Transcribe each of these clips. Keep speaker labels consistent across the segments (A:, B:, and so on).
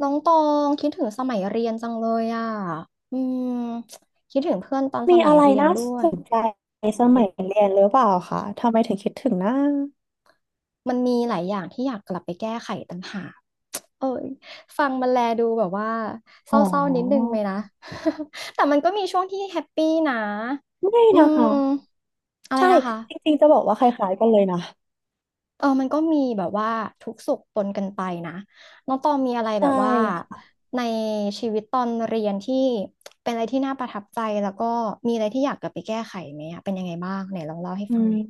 A: น้องตองคิดถึงสมัยเรียนจังเลยอ่ะอืมคิดถึงเพื่อนตอนส
B: มี
A: มัย
B: อะไร
A: เรียน
B: น่า
A: ด้ว
B: ส
A: ย
B: นใจสมัยเรียนหรือเปล่าคะทำไมถึงคิดถึงนะ
A: มันมีหลายอย่างที่อยากกลับไปแก้ไขต่างหากเอ้ยฟังมันแลดูแบบว่าเศ
B: อ๋อ
A: ร้าๆนิดนึงไหมนะ แต่มันก็มีช่วงที่แฮปปี้นะ
B: ไม่
A: อื
B: นะ
A: ม
B: คะ
A: อะไร
B: ใช่
A: นะคะ
B: จริงๆจะบอกว่าคล้ายๆกันเลยนะ
A: เออมันก็มีแบบว่าทุกข์สุขปนกันไปนะน้องตองมีอะไรแบ
B: ใช่
A: บว่า
B: ค่ะ
A: ในชีวิตตอนเรียนที่เป็นอะไรที่น่าประทับใจแล้วก็มีอะไรที่อยากกลับไปแก้ไขไหมอะเป็นยังไงบ้างไหนลองเล่าให้
B: อื
A: ฟัง
B: ม
A: หน่อย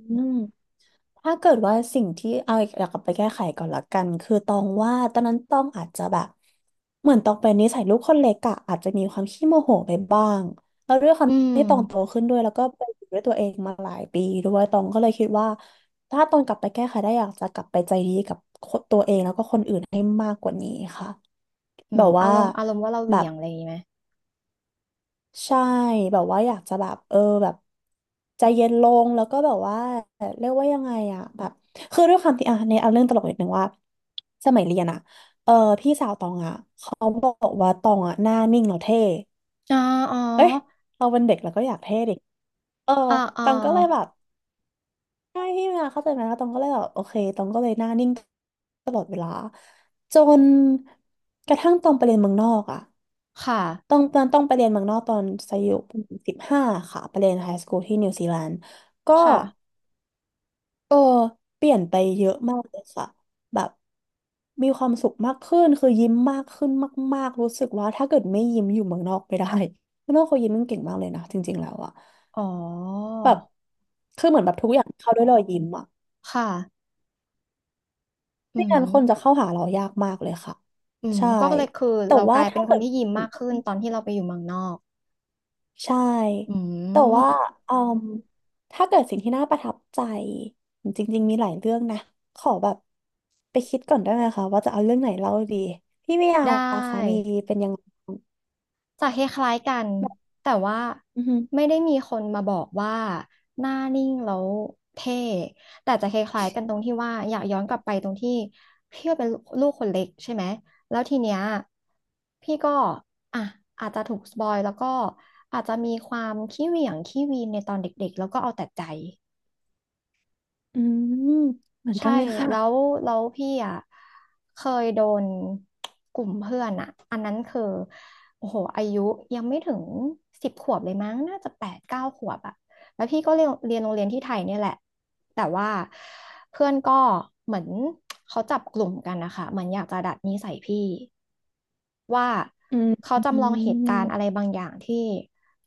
B: ถ้าเกิดว่าสิ่งที่เอาอีกากกลับไปแก้ไขก่อนละกันคือตองว่าตอนนั้นตองอาจจะแบบเหมือนตองเป็นนิสัยลูกคนเล็กอะอาจจะมีความขี้โมโหไปบ้างแล้วด้วยความ
A: อืม
B: ที่ตองโตขึ้นด้วยแล้วก็ไปอยู่ด้วยตัวเองมาหลายปีด้วยตองก็เลยคิดว่าถ้าตองกลับไปแก้ไขได้อยากจะกลับไปใจดีกับคนตัวเองแล้วก็คนอื่นให้มากกว่านี้ค่ะแบบ
A: อา
B: ว่า
A: รมณ์อารมณ์ว่าเราเห
B: แบ
A: วี่ย
B: บ
A: งอะไรอย่างงี้ไหม
B: ใช่แบบว่าอยากจะแบบแบบใจเย็นลงแล้วก็แบบว่าเรียกว่ายังไงอะแบบคือด้วยความที่อ่ะในเอาเรื่องตลกนิดนึงว่าสมัยเรียนอะเออพี่สาวตองอะเขาบอกว่าตองอะหน้านิ่งแล้วเท่
A: อ๋ออ๋อ
B: เอ้ยเราเป็นเด็กแล้วก็อยากเท่ดิเออ
A: อ่าอ่า
B: ตองก็เลยแบบใช่พี่มาเข้าใจไหมแล้วตองก็เลยแบบโอเคตองก็เลยหน้านิ่งตลอดเวลาจนกระทั่งตองไปเรียนเมืองนอกอะ
A: ค่ะ
B: ต้องตอนต้องไปเรียนเมืองนอกตอนอายุสิบห้าค่ะไปเรียนไฮสคูลที่นิวซีแลนด์ก็
A: ค่ะ
B: เออเปลี่ยนไปเยอะมากเลยค่ะแบบมีความสุขมากขึ้นคือยิ้มมากขึ้นมากๆรู้สึกว่าถ้าเกิดไม่ยิ้มอยู่เมืองนอกไม่ได้ เมืองนอกเขายิ้มกันเก่งมากเลยนะจริงๆแล้วอะ
A: อ๋อ
B: แบบคือเหมือนแบบทุกอย่างเข้าด้วยรอยยิ้มอะ
A: ค่ะอื
B: ไม่
A: ม
B: งั้นคนจะเข้าหาเรายากมากเลยค่ะ
A: อืม
B: ใช่
A: ก็เลยคือ
B: แต่
A: เราก
B: ว่า
A: ลายเป็
B: ถ้า
A: นค
B: เกิ
A: น
B: ด
A: ที่ยิ้มมากขึ้นตอนที่เราไปอยู่เมืองนอก
B: ใช่
A: อื
B: แต่
A: ม
B: ว่าเอ่ืมถ้าเกิดสิ่งที่น่าประทับใจจริงๆ มีหลายเรื่องนะขอแบบไปคิดก่อนได้ไหมคะว่าจะเอาเรื่องไหนเล่าดีพี่เมียา
A: ได้
B: ล่ะคะมีเป็นยังไงบ้าง
A: จะคล้ายๆกัน
B: แบบ
A: แต่ว่า
B: อือหือ
A: ไม่ได้มีคนมาบอกว่าหน้านิ่งแล้วเท่แต่จะคล้ายๆกันตรงที่ว่าอยากย้อนกลับไปตรงที่พี่ก็เป็นลูกคนเล็กใช่ไหมแล้วทีเนี้ยพี่ก็อ่ะอาจจะถูกสปอยแล้วก็อาจจะมีความขี้เหวี่ยงขี้วีนในตอนเด็กๆแล้วก็เอาแต่ใจ
B: อืมเหมือน
A: ใช่
B: กันเลยค่ะ
A: แล้วแล้วพี่อ่ะเคยโดนกลุ่มเพื่อนอ่ะอันนั้นคือโอ้โหอายุยังไม่ถึง10 ขวบเลยมั้งน่าจะ8-9 ขวบอ่ะแล้วพี่ก็เรียนโรงเรียนที่ไทยเนี่ยแหละแต่ว่าเพื่อนก็เหมือนเขาจับกลุ่มกันนะคะเหมือนอยากจะดัดนิสัยพี่ว่า
B: อืม
A: เขา
B: อื
A: จำลองเหตุการณ์อะไร
B: ม
A: บางอย่างที่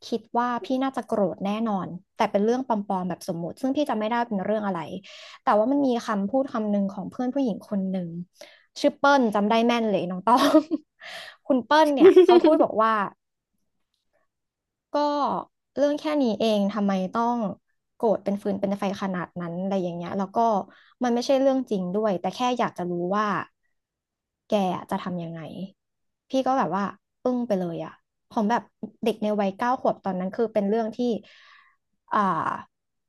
A: คิดว่าพี่น่าจะโกรธแน่นอนแต่เป็นเรื่องปลอมๆแบบสมมุติซึ่งพี่จำไม่ได้เป็นเรื่องอะไร แต่ว่ามันมีคำพูดคำหนึ่งของเพื่อนผู้หญิงคนหนึ่งชื่อเปิ้ลจำได้แม่นเลยน้องต้อง คุณเปิ้ลเนี่ยเขาพูดบอกว่าก็เรื่องแค่นี้เองทำไมต้องโกรธเป็นฟืนเป็นไฟขนาดนั้นอะไรอย่างเงี้ยแล้วก็มันไม่ใช่เรื่องจริงด้วยแต่แค่อยากจะรู้ว่าแกอะจะทำยังไงพี่ก็แบบว่าอึ้งไปเลยอะผมแบบเด็กในวัยเก้าขวบตอนนั้นคือเป็นเรื่องที่ อ่า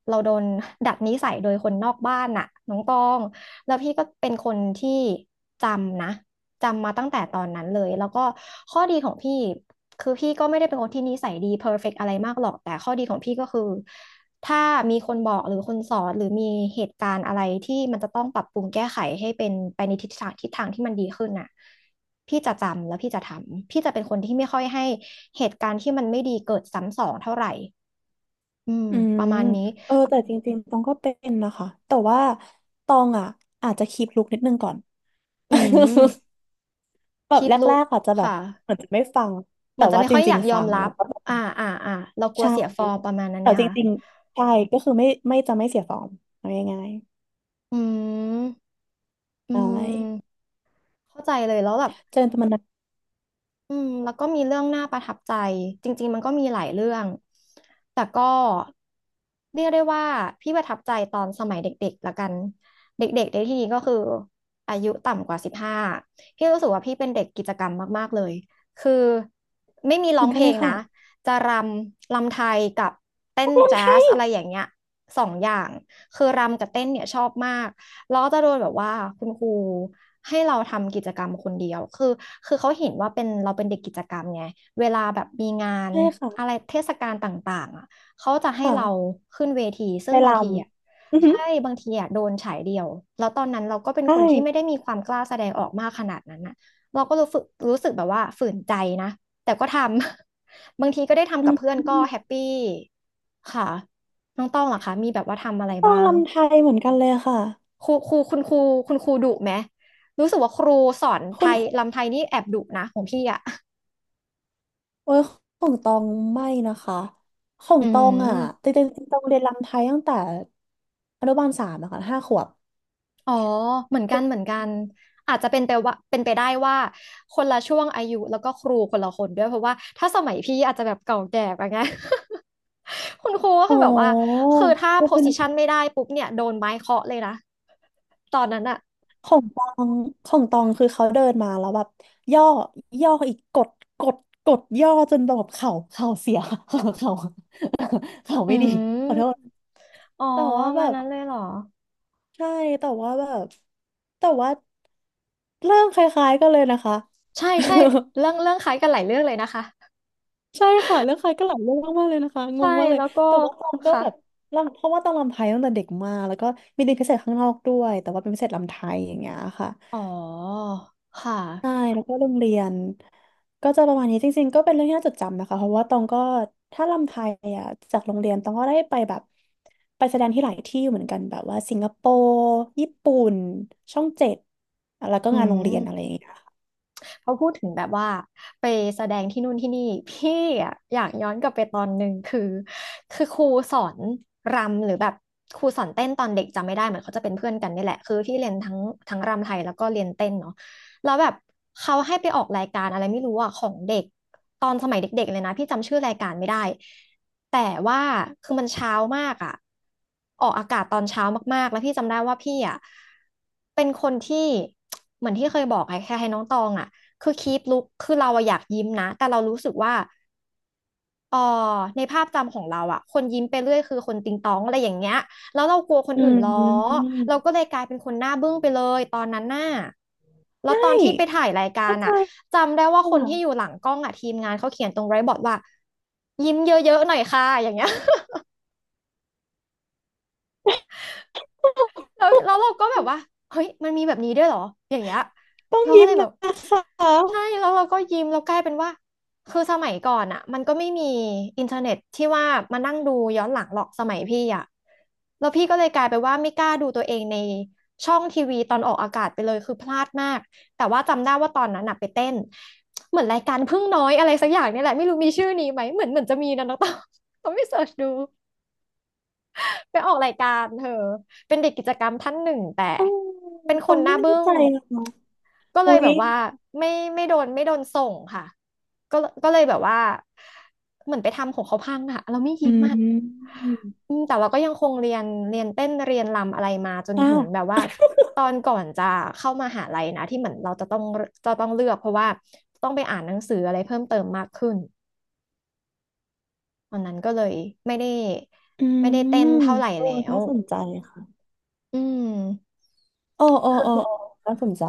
A: เราโดนดัดนิสัยโดยคนนอกบ้านน่ะน้องตองแล้วพี่ก็เป็นคนที่จำนะจำมาตั้งแต่ตอนนั้นเลยแล้วก็ข้อดีของพี่คือพี่ก็ไม่ได้เป็นคนที่นิสัยดีเพอร ER ฟกต์อะไรมากหรอกแต่ข้อดีของพี่ก็คือถ้ามีคนบอกหรือคนสอนหรือมีเหตุการณ์อะไรที่มันจะต้องปรับปรุงแก้ไขให้เป็นไปในทิศทางที่มันดีขึ้นน่ะพี่จะจำแล้วพี่จะทำพี่จะเป็นคนที่ไม่ค่อยให้เหตุการณ์ที่มันไม่ดีเกิดซ้ำสองเท่าไหร่ อืม
B: อื
A: ป
B: ม
A: ระมาณนี้
B: เออแต่จริงๆตองก็เป็นนะคะ แต่ว่าตองอ่ะอาจจะคีปลุกนิดนึงก่อน
A: อื ม
B: แบบ
A: คีป
B: แร
A: ลุก
B: กๆอาจจะแบบ
A: ค่ะ
B: เหมือนจะไม่ฟัง
A: เหมื
B: แต่
A: อนจะ
B: ว่า
A: ไม่
B: จ
A: ค่อยอ
B: ริง
A: ยาก
B: ๆ
A: ย
B: ฟั
A: อม
B: ง
A: รั
B: แล้
A: บ
B: วก็
A: อ่า อ่า อ่าเรากลัว
B: ใช่
A: เสียฟอร์มประมาณนั้น
B: แต่
A: ไหม
B: จ
A: คะ
B: ริงๆใช่ก็คือไม่ไม่จะไม่เสียฟอร์มเอาง่าย
A: อืม
B: ๆ
A: อื
B: ใช่
A: ม เข้าใจเลยแล้วแบบ
B: เจอกันมันนั้น
A: อืมแล้วก็มีเรื่องน่าประทับใจจริงๆมันก็มีหลายเรื่องแต่ก็เรียกได้ว่าพี่ประทับใจตอนสมัยเด็กๆละกันเด็กๆในที่นี้ก็คืออายุต่ำกว่า15พี่รู้สึกว่าพี่เป็นเด็กกิจกรรมมากๆเลยคือไม่มี
B: เห
A: ร้อ
B: มือ
A: ง
B: น
A: เพ
B: กัน
A: ล
B: เล
A: ง
B: ยค่ะ
A: นะจะรำรำไทยกับเต้
B: นั
A: น
B: กรำ
A: แจ๊
B: ไท
A: ส
B: ย
A: อะไรอย่างเงี้ยสองอย่างคือรำกับเต้นเนี่ยชอบมาก เราก็จะโดนแบบว่าคุณครูให้เราทำกิจกรรมคนเดียวคือคือเขาเห็นว่าเป็นเราเป็นเด็กกิจกรรมไงเวลาแบบมีงาน
B: ใช่
A: อะไร
B: ค่ะ
A: เทศกาลต่างๆอ่ะเขาจะ
B: ค
A: ให้เรา
B: ่ะ
A: ขึ้นเวทีซึ่
B: ไป
A: ง
B: ล
A: บางทีอ่ะ
B: ำอือหื
A: ใช่
B: อ
A: บางทีอ่ะโดนฉายเดียวแล้วตอนนั้นเราก็เป็น
B: ใช่
A: คนที่ไม่ได้มีความกล้าแสดงออกมากขนาดนั้นอ่ะเราก็รู้สึกแบบว่าฝืนใจนะแต่ก็ทำ บางทีก็ได้ทำ
B: อื
A: กับเพื่อน
B: ม
A: ก็แฮปปี้ค่ะน้องต้องเหรอคะมีแบบว่าทำอะไร
B: ตอ
A: บ้า
B: ง
A: ง
B: ลำไทยเหมือนกันเลยค่ะ
A: ครูครูคุณครูคุณครูดุไหมรู้สึกว่าครูสอนไท
B: คุณ
A: ย
B: ครู
A: ลำไทยนี่แอบดุนะของพี่อ่ะ
B: โอ้ยของตองไม่นะคะขอ ง
A: อื
B: ตองอ่ะ
A: ม
B: จริงๆตองเรียนลำไทยตั้งแต่อนุบาลสามอะค่ะ5 ขวบ
A: อ๋อเหมือนกันเหมือนกันอาจจะเป็นไปว่าเป็นไปได้ว่าคนละช่วงอายุแล้วก็ครูคนละคนด้วยเพราะว่าถ้าสมัยพี่อาจจะแบบเก่าแก่ไปไง คุณครูก็
B: อ๋
A: คือแบบว่า
B: อ
A: คือถ้า
B: ก็
A: โพ
B: เป็น
A: สิชันไม่ได้ปุ๊บเนี่ยโดนไม้เคาะเลยนะตอนนั้นอะ
B: ของตองของตองคือเขาเดินมาแล้วแบบย่อย่ออีกกดกดกดย่อจนแบบเข่าเข่าเสีย เข่าเข่าเข่า
A: อื
B: ไม่ดี
A: ม
B: ขอโทษ
A: อ๋อ
B: แต่ว่าแบ
A: มา
B: บ
A: นั้นเลยเหรอ
B: ใช่แต่ว่าแบบแต่ว่าเรื่องคล้ายๆกันเลยนะคะ
A: ใช่ ใช่เรื่องเรื่องคล้ายกันหลายเรื่องเลยนะคะ
B: ใช่ค่ะเรื่องคล้ายก็หลายเรื่องมากๆเลยนะคะง
A: ใช่
B: งมากเลย
A: แล้วก็
B: แต่ว่าตองก็
A: ค่ะ
B: แบบรำเพราะว่าตองรำไทยตั้งแต่เด็กมากแล้วก็มีเรียนพิเศษข้างนอกด้วยแต่ว่าเป็นพิเศษรำไทยอย่างเงี้ยค่ะ
A: อ๋อค่ะ
B: ใช่แล้วก็โรงเรียนก็จะประมาณนี้จริงๆก็เป็นเรื่องที่น่าจดจำนะคะเพราะว่าตองก็ถ้าลำไทยอ่ะจากโรงเรียนตองก็ได้ไปแบบไปแสดงที่หลายที่เหมือนกันแบบว่าสิงคโปร์ญี่ปุ่นช่อง 7แล้วก็
A: อื
B: งานโรงเรียนอะไรอ
A: ม
B: ย่างเงี้ยค่ะ
A: เขาพูดถึงแบบว่าไปแสดงที่นู่นที่นี่พี่อะอยากย้อนกลับไปตอนหนึ่งคือครูสอนรำหรือแบบครูสอนเต้นตอนเด็กจำไม่ได้เหมือนเขาจะเป็นเพื่อนกันนี่แหละคือพี่เรียนทั้งรำไทยแล้วก็เรียนเต้นเนาะแล้วแบบเขาให้ไปออกรายการอะไรไม่รู้อ่ะของเด็กตอนสมัยเด็กๆเลยนะพี่จำชื่อรายการไม่ได้แต่ว่าคือมันเช้ามากอ่ะออกอากาศตอนเช้ามากๆแล้วพี่จำได้ว่าพี่อ่ะเป็นคนที่ เหมือนที่เคยบอกไอ้แค่ให้น้องตองอ่ะ คือคีปลุกคือเราอะอยากยิ้มนะแต่เรารู้สึกว่าอ๋อในภาพจำของเราอะคนยิ้มไปเรื่อยคือคนติงตองอะไรอย่างเงี้ยแล้วเรากลัวคน
B: อื
A: อื่นล้อ
B: ม
A: เราก็เลยกลายเป็นคนหน้าบึ้งไปเลยตอนนั้นน่ะแล้ว
B: ใช่
A: ตอนที่ไปถ่ายรายการ
B: เข้าใจ
A: อะจำได้ว่า
B: ค
A: คนที่อยู่
B: ่ะ
A: หลังกล้องอะทีมงานเขาเขียนตรงไรบอร์ดว่ายิ้มเยอะๆหน่อยค่ะอย่างเงี้ย แล้วเราก็แบบว่าเฮ้ยมันมีแบบนี้ด้วยเหรออย่างเงี้ย
B: ต้อง
A: เราก็
B: ยิ้
A: เล
B: ม
A: ยแบ
B: นะ
A: บ
B: คะ
A: ใช่แล้วเราก็ยิ้มแล้วกลายเป็นว่าคือสมัยก่อนอ่ะมันก็ไม่มีอินเทอร์เน็ตที่ว่ามานั่งดูย้อนหลังหรอกสมัยพี่อ่ะแล้วพี่ก็เลยกลายไปว่าไม่กล้าดูตัวเองในช่องทีวีตอนออกอากาศไปเลยคือพลาดมากแต่ว่าจำได้ว่าตอนนั้นน่ะไปเต้นเหมือนรายการพึ่งน้อยอะไรสักอย่างเนี่ยแหละไม่รู้มีชื่อนี้ไหมเหมือนจะมีนะน้องต้องต้องไปเสิร์ชดู ไปออกรายการเธอเป็นเด็กกิจกรรมท่านหนึ่งแต่
B: อ๋อ
A: เป็น
B: ต
A: ค
B: อ
A: น
B: ง
A: ห
B: ไม่
A: น้า
B: แน่
A: บึ้
B: ใจ
A: ง
B: เลยเนาะ
A: ก็เล
B: อุ๊
A: ยแบ
B: ย
A: บว่าไม่ไม่โดนส่งค่ะก็ก็เลยแบบว่าเหมือนไปทำของเขาพังอะเราไม่
B: อื
A: ยิ้มอะ
B: ม
A: อืมแต่เราก็ยังคงเรียนเต้นเรียนรำอะไรมาจนถึงแบ
B: อ่ะ
A: บว่าตอนก่อนจะเข้ามหาลัยนะที่เหมือนเราจะต้องเลือกเพราะว่าต้องไปอ่านหนังสืออะไรเพิ่มเติมมากขึ้นตอนนั้นก็เลยไม่ได้
B: อื
A: ไม่ได้เต้น
B: ม
A: เท่าไหร่
B: โอ้
A: แล้ว
B: น่าสนใจค่ะ
A: อืม
B: เออน่าสนใจ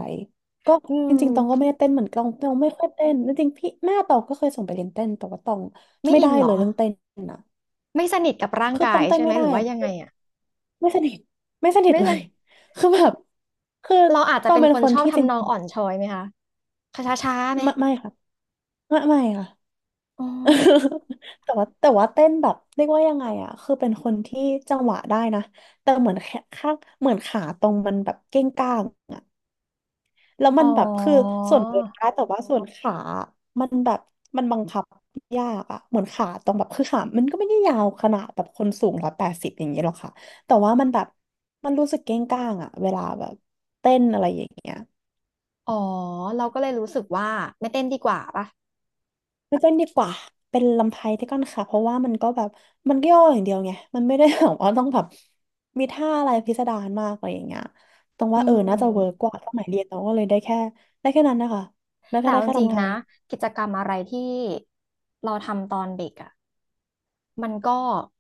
B: ก็
A: อื
B: จริงๆตองก็
A: ม
B: ไม่ได้เต้นเหมือนกันตองไม่ค่อยเต้นจริงๆพี่แม่ตองก็เคยส่งไปเรียนเต้นแต่ว่าตอง
A: ไม่
B: ไม่
A: อิ
B: ได้
A: นเหร
B: เล
A: อ
B: ยเรื่องเต้นนะ
A: ไม่สนิทกับร่าง
B: คือต
A: กา
B: อ
A: ย
B: งเต้น
A: ใช่ไห
B: ไม่
A: มห
B: ได้
A: รือว่ายังไง
B: อะ
A: อะ
B: ไม่สนิทไม่สนิท
A: ไม่
B: เล
A: ส
B: ย
A: นิท
B: คือแบบคือ
A: เราอาจ
B: ต
A: จะ
B: อง
A: เป็น
B: เป็น
A: คน
B: คน
A: ชอบ
B: ที่จริง
A: ทำนองอ่อนช้อยไหมคะช้าช้าๆไหม
B: ไม่ไม่ค่ะไม่ไม่ค่ะ
A: อ๋อ
B: แต่ว่าแต่ว่าเต้นแบบเรียกว่ายังไงอะคือเป็นคนที่จังหวะได้นะแต่เหมือนแค่ข้างเหมือนขาตรงมันแบบเก้งก้าง แล้ว
A: อ๋
B: มั
A: อ
B: นแบบคือส่วนเวนได้แต่ว่าส่วนขา มันแบบมันบังคับยากอะเหมือนขาตรงแบบคือขามันก็ไม่ได้ยาวขนาดแบบคนสูง180อย่างเงี้ยหรอกค่ะแต่ว่ามันแบบมันรู้สึกเก้งก้างอะเวลาแบบเต้นอะไรอย่างเงี้ย
A: อ๋อเราก็เลยรู้สึกว่าไม่เต้นดีกว่าป่ะ
B: ไม่เต้นดีกว่าเป็นลำไทยที่ก้อนค่ะเพราะว่ามันก็แบบมันย่ออย่างเดียวไงมันไม่ได้แบบว่าต้องแบบมีท่าอะไรพิสดารมากอะไรอย่างเงี้ยตรง
A: อื
B: ว่าน่าจะเวิร์ก
A: ม
B: กว่าสมัยเรียนเราก็เลยได้แค่ได้แค่นั้นนะคะแล้วก็
A: แต่
B: ได้
A: เอาจ
B: แค่
A: ริง
B: ลำไท
A: ๆนะ
B: ย
A: กิจกรรมอะไรที่เราทำตอนเด็กอะ มันก็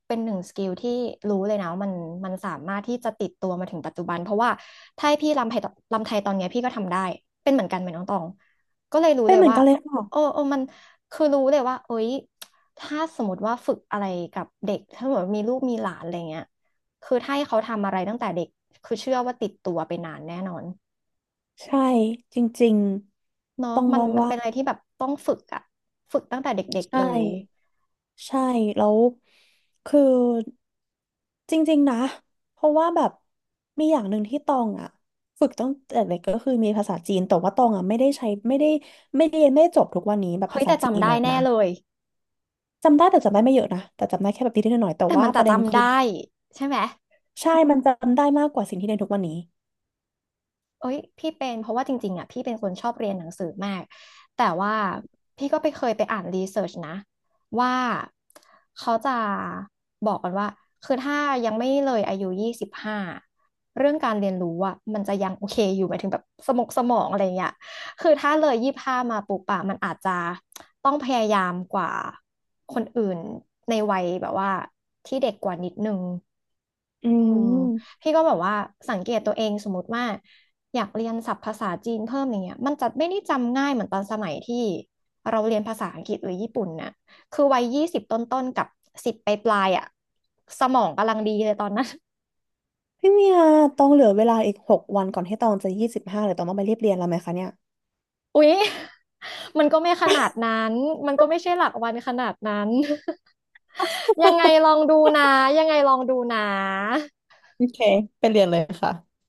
A: เป็นหนึ่งสกิลที่รู้เลยนะว่ามันสามารถที่จะติดตัวมาถึงปัจจุบันเพราะว่าถ้าให้พี่รำไทยรำไทยตอนเนี้ยพี่ก็ทำได้เป็นเหมือนกันไหมนน้องตองก็เลยรู้
B: เป็
A: เล
B: น
A: ย
B: เหมือน
A: ว่า
B: กันเลย
A: โอ้
B: ค่ะ
A: โอ้มันคือรู้เลยว่าเอ้ยถ้าสมมติว่าฝึกอะไรกับเด็กถ้าสมมติมีลูกมีหลานอะไรเงี้ยคือถ้าให้เขาทำอะไรตั้งแต่เด็กคือเชื่อว่าติดตัวไปนานแน่นอน
B: ใช่จริง
A: เนาะ
B: ๆต้อง
A: มั
B: ม
A: น
B: อง
A: มัน
B: ว่า
A: เป็นอะไรที่แบบต้องฝึกอะฝึกตั้งแต่เด็กๆเล
B: ใช่
A: ย
B: ใช่แล้วคือจริงๆนะเพราะว่าแบบมีอย่างหนึ่งที่ตองอ่ะฝึกตั้งแต่เด็กก็คือมีภาษาจีนแต่ว่าตองอ่ะไม่ได้ใช้ไม่ได้ไม่ได้เรียนไม่ได้จบทุกวันนี้แบบ
A: เฮ้
B: ภา
A: ย
B: ษา
A: แต่
B: จี
A: จำ
B: น
A: ได้
B: อะ
A: แน่
B: นะ
A: เลย
B: จำได้แต่จำได้ไม่เยอะนะแต่จำได้แค่แบบนิดๆหน่อยๆแต่
A: แต่
B: ว่า
A: มัน
B: ป
A: จะ
B: ระเด็น
A: จำ
B: คือ
A: ได้ใช่ไหม
B: ใช่มันจำได้มากกว่าสิ่งที่เรียนทุกวันนี้
A: เอ้ยพี่เป็นเพราะว่าจริงๆอ่ะพี่เป็นคนชอบเรียนหนังสือมากแต่ว่าพี่ก็ไปเคยไปอ่านรีเสิร์ชนะว่าเขาจะบอกกันว่าคือถ้ายังไม่เลยอายุยี่สิบห้าเรื่องการเรียนรู้อ่ะมันจะยังโอเคอยู่หมายถึงแบบสมองอะไรเงี้ยคือถ้าเลยยี่สิบห้ามาปุ๊บอะมันอาจจะต้องพยายามกว่าคนอื่นในวัยแบบว่าที่เด็กกว่านิดนึง
B: อื
A: อืม
B: ม
A: พี่ก็แบบว่าสังเกตตัวเองสมมติว่า อยากเรียนศัพท์ภาษาจีนเพิ่มอย่างเงี้ยมันจะไม่ได้จำง่ายเหมือนตอนสมัยที่เราเรียนภาษาอังกฤษหรือญี่ปุ่นน่ะคือวัยยี่สิบต้นๆกับสิบปลายๆอ่ะสมองกำลังดีเลยตอนนั้น
B: พี่เมียต้องเหลือเวลาอีก6 วันก่อนที่ตองจะ25หรือตองต้องไปรีบเรียนแล้วไหมคะเนี่ย
A: อุ๊ยมันก็ไม่ขนาดนั้นมันก็ไม่ใช่หลักวันขนาดนั้น ยังไงลองดูนะยังไงลองดูนะ
B: โอเคไปเรียนเลยค่ะ